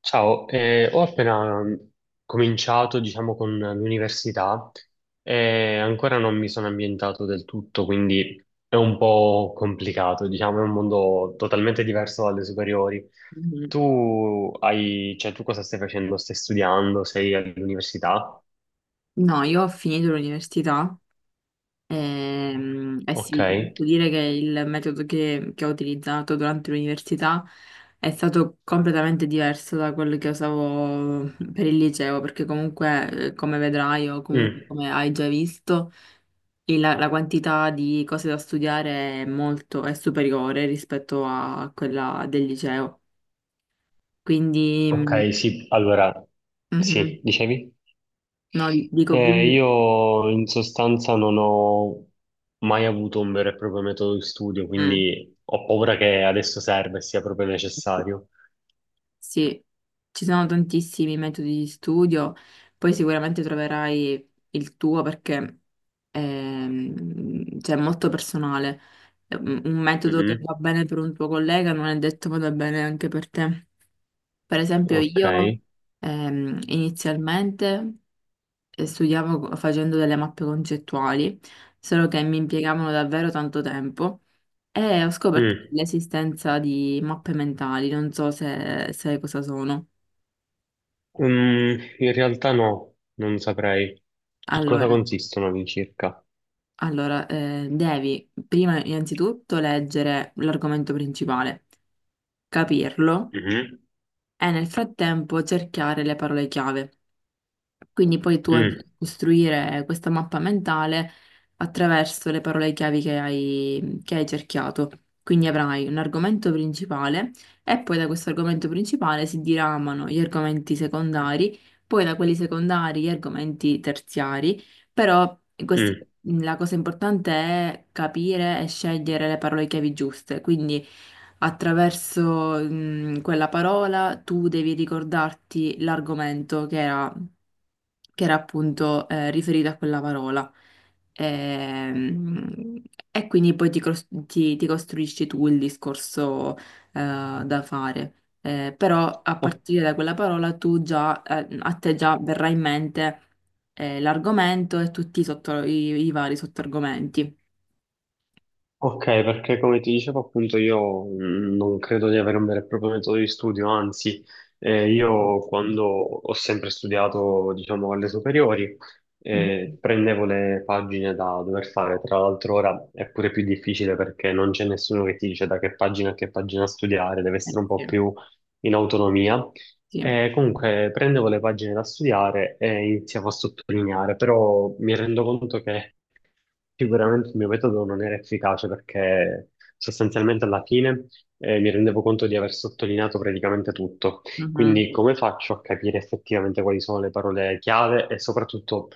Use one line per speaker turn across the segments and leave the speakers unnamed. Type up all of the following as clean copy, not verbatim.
Ciao, ho appena cominciato, diciamo, con l'università e ancora non mi sono ambientato del tutto, quindi è un po' complicato, diciamo, è un mondo totalmente diverso dalle superiori.
Mhm.
Tu hai, cioè, tu cosa stai facendo? Stai studiando? Sei all'università?
No, io ho finito l'università e, eh
Ok.
sì, ti posso dire che il metodo che ho utilizzato durante l'università è stato completamente diverso da quello che usavo per il liceo, perché comunque, come vedrai o comunque
Mm.
come hai già visto, la quantità di cose da studiare è molto, è superiore rispetto a quella del liceo. Quindi,
Ok, sì, allora,
mhm.
sì, dicevi?
No, dico quindi...
Io in sostanza non ho mai avuto un vero e proprio metodo di studio,
mm.
quindi ho paura che adesso serva e sia proprio necessario.
Sì, ci sono tantissimi metodi di studio, poi sicuramente troverai il tuo perché cioè, è molto personale. È un metodo che
Mhm.
va bene per un tuo collega non è detto vada bene anche per te. Per esempio,
Ok.
io inizialmente facendo delle mappe concettuali, solo che mi impiegavano davvero tanto tempo e ho scoperto
Mm.
l'esistenza di mappe mentali, non so se sai cosa sono.
Mm, in realtà no, non saprei. In cosa
Allora,
consistono all'incirca?
allora, devi prima innanzitutto leggere l'argomento principale, capirlo
Mhm.
e nel frattempo cercare le parole chiave. Quindi poi tu andrai
Mm,
a costruire questa mappa mentale attraverso le parole chiavi che hai cerchiato. Quindi avrai un argomento principale e poi da questo argomento principale si diramano gli argomenti secondari, poi da quelli secondari gli argomenti terziari, però questa-
mm.
la cosa importante è capire e scegliere le parole chiavi giuste. Quindi attraverso quella parola tu devi ricordarti l'argomento che era appunto riferito a quella parola. Ehm, E quindi poi ti costruisci tu il discorso da fare. Però a partire da quella parola tu già, a te già verrà in mente l'argomento e tutti i vari sottoargomenti.
Ok, perché come ti dicevo appunto io non credo di avere un vero e proprio metodo di studio, anzi io quando ho sempre studiato diciamo alle superiori
Mhm.
prendevo le pagine da dover fare, tra l'altro ora è pure più difficile perché non c'è nessuno che ti dice da che pagina a che pagina studiare, deve essere un po'
Sì,
più in autonomia.
sì.
Comunque prendevo le pagine da studiare e iniziavo a sottolineare, però mi rendo conto che sicuramente il mio metodo non era efficace perché sostanzialmente alla fine mi rendevo conto di aver sottolineato praticamente tutto.
Mhm.
Quindi come faccio a capire effettivamente quali sono le parole chiave e soprattutto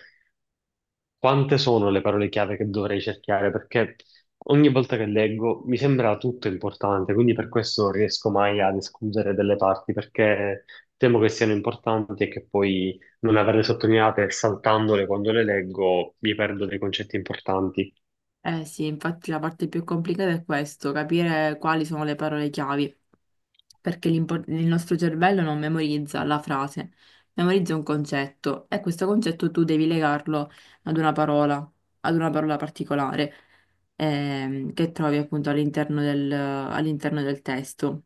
quante sono le parole chiave che dovrei cercare? Perché ogni volta che leggo mi sembra tutto importante, quindi per questo non riesco mai ad escludere delle parti perché temo che siano importanti e che poi non averle sottolineate e saltandole quando le leggo mi perdo dei concetti importanti.
Eh sì, infatti la parte più complicata è questo, capire quali sono le parole chiave. Perché il nostro cervello non memorizza la frase, memorizza un concetto e questo concetto tu devi legarlo ad una parola, ad una parola particolare che trovi appunto all'interno del testo.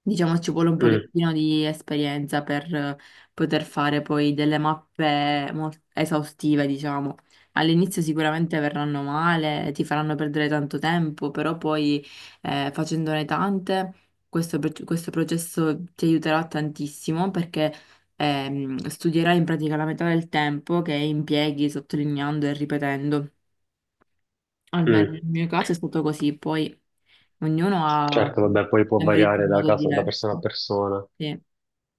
Diciamo ci vuole un
Mm.
pochettino di esperienza per poter fare poi delle esaustive, diciamo. All'inizio sicuramente verranno male, ti faranno perdere tanto tempo, però poi facendone tante, questo processo ti aiuterà tantissimo perché studierai in pratica la metà del tempo che impieghi sottolineando e ripetendo. Almeno nel
Mm.
mio caso è stato così, poi ognuno ha
Certo, vabbè, poi può
memorizzato
variare
in
da
modo
caso, da persona a
diverso.
persona.
Sì.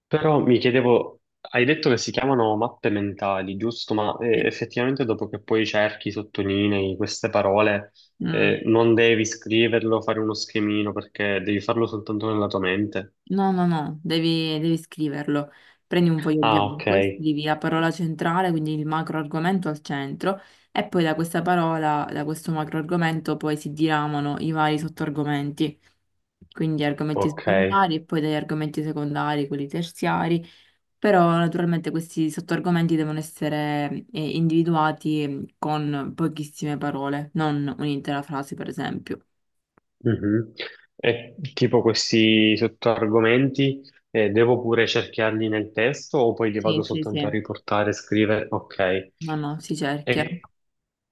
Però mi chiedevo, hai detto che si chiamano mappe mentali, giusto? Ma
Sì.
effettivamente dopo che poi cerchi, sottolinei queste parole,
Mm.
non devi scriverlo, fare uno schemino, perché devi farlo soltanto nella tua mente.
No, no, no, devi scriverlo. Prendi un foglio
Ah, ok,
bianco e scrivi la parola centrale, quindi il macro argomento al centro, e poi da questa parola, da questo macro argomento, poi si diramano i vari sottoargomenti. Quindi argomenti
ok.
secondari e poi dagli argomenti secondari, quelli terziari, però naturalmente questi sottoargomenti devono essere individuati con pochissime parole, non un'intera frase, per esempio.
Mhm. E tipo questi sottoargomenti, devo pure cerchiarli nel testo o poi li
Sì,
vado
sì,
soltanto
sì.
a riportare, scrivere? Ok.
No, no, si cerchia.
E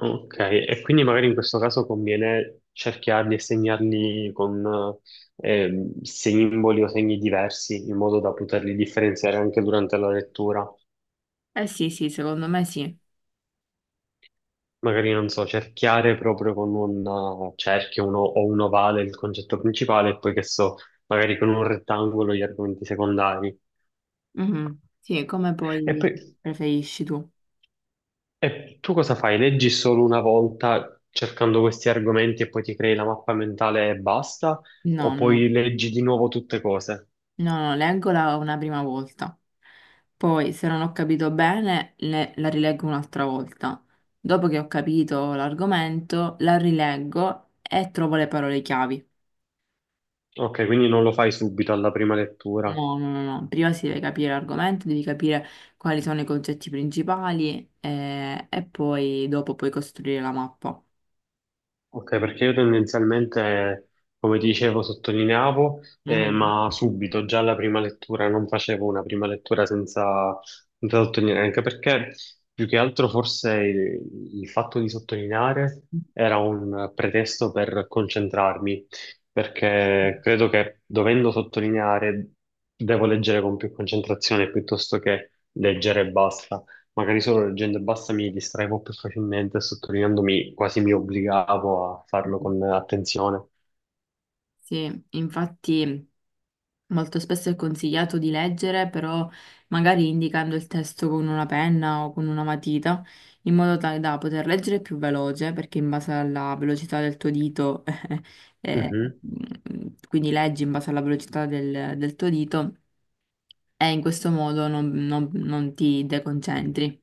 ok, e quindi magari in questo caso conviene cerchiarli e segnarli con simboli o segni diversi, in modo da poterli differenziare anche durante la lettura.
Eh sì, sì, secondo me sì.
Magari, non so, cerchiare proprio con un cerchio o un ovale il concetto principale, e poi che so, magari con un rettangolo gli argomenti secondari.
Mhm. Sì, come
E
poi
poi
preferisci tu?
e tu cosa fai? Leggi solo una volta cercando questi argomenti e poi ti crei la mappa mentale e basta? O
No, no,
poi leggi di nuovo tutte cose?
no, no, leggola una prima volta. Poi, se non ho capito bene, la rileggo un'altra volta. Dopo che ho capito l'argomento, la rileggo e trovo le parole chiavi.
Ok, quindi non lo fai subito alla prima lettura.
No, no, no, no. Prima si deve capire l'argomento, devi capire quali sono i concetti principali e poi dopo puoi costruire la mappa.
Ok, perché io tendenzialmente, come ti dicevo, sottolineavo,
Mm.
ma subito, già alla prima lettura, non facevo una prima lettura senza, senza sottolineare, anche perché più che altro forse il fatto di sottolineare era un pretesto per concentrarmi, perché credo che dovendo sottolineare devo leggere con più concentrazione piuttosto che leggere e basta. Magari solo leggendo e basta mi distraevo più facilmente, e sottolineandomi quasi mi obbligavo a farlo con attenzione.
Sì, infatti. Molto spesso è consigliato di leggere, però magari indicando il testo con una penna o con una matita, in modo tale da poter leggere più veloce, perché in base alla velocità del tuo dito, eh,
Mhm.
quindi leggi in base alla velocità del tuo dito, e in questo modo non ti deconcentri.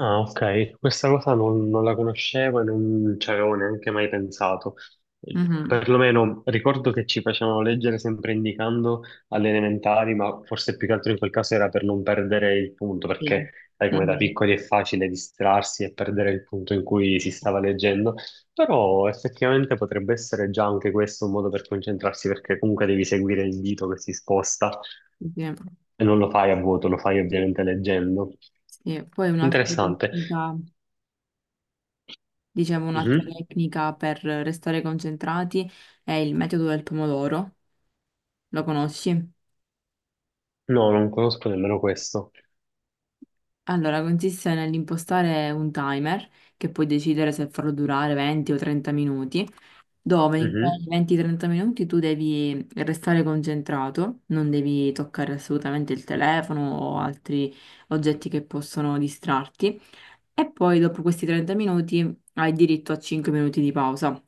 Ah, ok, questa cosa non la conoscevo e non ci avevo neanche mai pensato.
Mhm.
Perlomeno ricordo che ci facevano leggere sempre indicando alle elementari, ma forse più che altro in quel caso era per non perdere il punto,
Sì.
perché sai come da
Mhm,
piccoli è facile distrarsi e perdere il punto in cui si stava leggendo, però effettivamente potrebbe essere già anche questo un modo per concentrarsi, perché comunque devi seguire il dito che si sposta
sì, sì.
e non lo fai a vuoto, lo fai ovviamente leggendo.
Sì. Poi un'altra
Interessante.
tecnica, dicevo, un'altra
Mhm.
tecnica per restare concentrati è il metodo del pomodoro. Lo conosci?
No, non conosco nemmeno questo.
Allora, consiste nell'impostare un timer che puoi decidere se farlo durare 20 o 30 minuti, dove in quei
Mhm,
20-30 minuti tu devi restare concentrato, non devi toccare assolutamente il telefono o altri oggetti che possono distrarti. E poi dopo questi 30 minuti hai diritto a 5 minuti di pausa.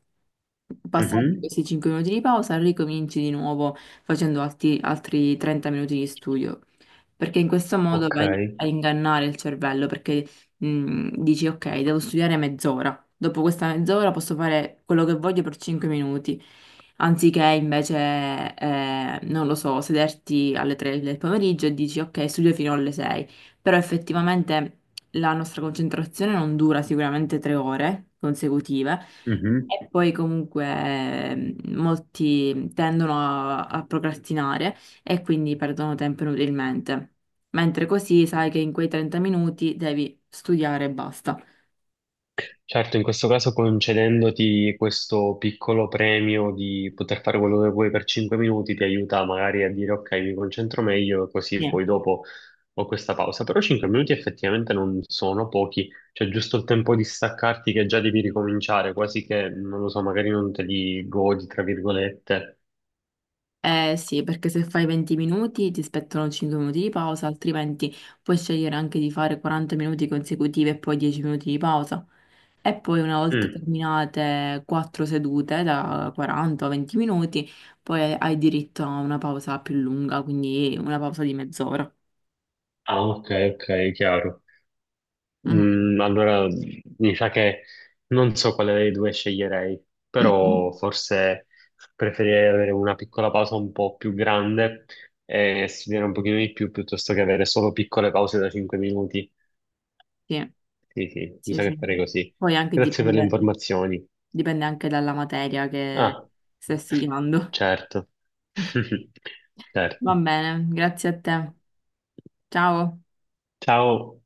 Passati
mhm,
questi 5 minuti di pausa, ricominci di nuovo facendo altri 30 minuti di studio, perché in questo modo
ok.
vai a ingannare il cervello, perché dici ok, devo studiare mezz'ora, dopo questa mezz'ora posso fare quello che voglio per 5 minuti, anziché invece, non lo so, sederti alle 3 del pomeriggio e dici ok, studio fino alle 6, però effettivamente la nostra concentrazione non dura sicuramente 3 ore consecutive.
Mhm.
E poi comunque molti tendono a procrastinare e quindi perdono tempo inutilmente. Mentre così sai che in quei 30 minuti devi studiare e basta.
Certo, in questo caso concedendoti questo piccolo premio di poter fare quello che vuoi per 5 minuti ti aiuta magari a dire ok, mi concentro meglio, così
Sì.
poi dopo ho questa pausa. Però 5 minuti effettivamente non sono pochi, cioè giusto il tempo di staccarti che già devi ricominciare, quasi che, non lo so, magari non te li godi, tra virgolette.
Eh sì, perché se fai 20 minuti ti spettano 5 minuti di pausa, altrimenti puoi scegliere anche di fare 40 minuti consecutivi e poi 10 minuti di pausa. E poi una volta
Mm.
terminate quattro sedute da 40 o 20 minuti, poi hai diritto a una pausa più lunga, quindi una pausa di mezz'ora.
Ah, ok, ok, chiaro.
Mhm.
Mm, allora, mi sa che non so quale dei due sceglierei, però forse preferirei avere una piccola pausa un po' più grande e studiare un pochino di più piuttosto che avere solo piccole pause da 5 minuti.
Sì,
Sì, sì, mi
sì,
sa che
sì.
farei così.
Poi anche
Grazie per le
dipende,
informazioni.
dipende anche dalla materia che
Ah,
stai studiando.
certo.
Va
Certo.
bene, grazie a te. Ciao.
Ciao.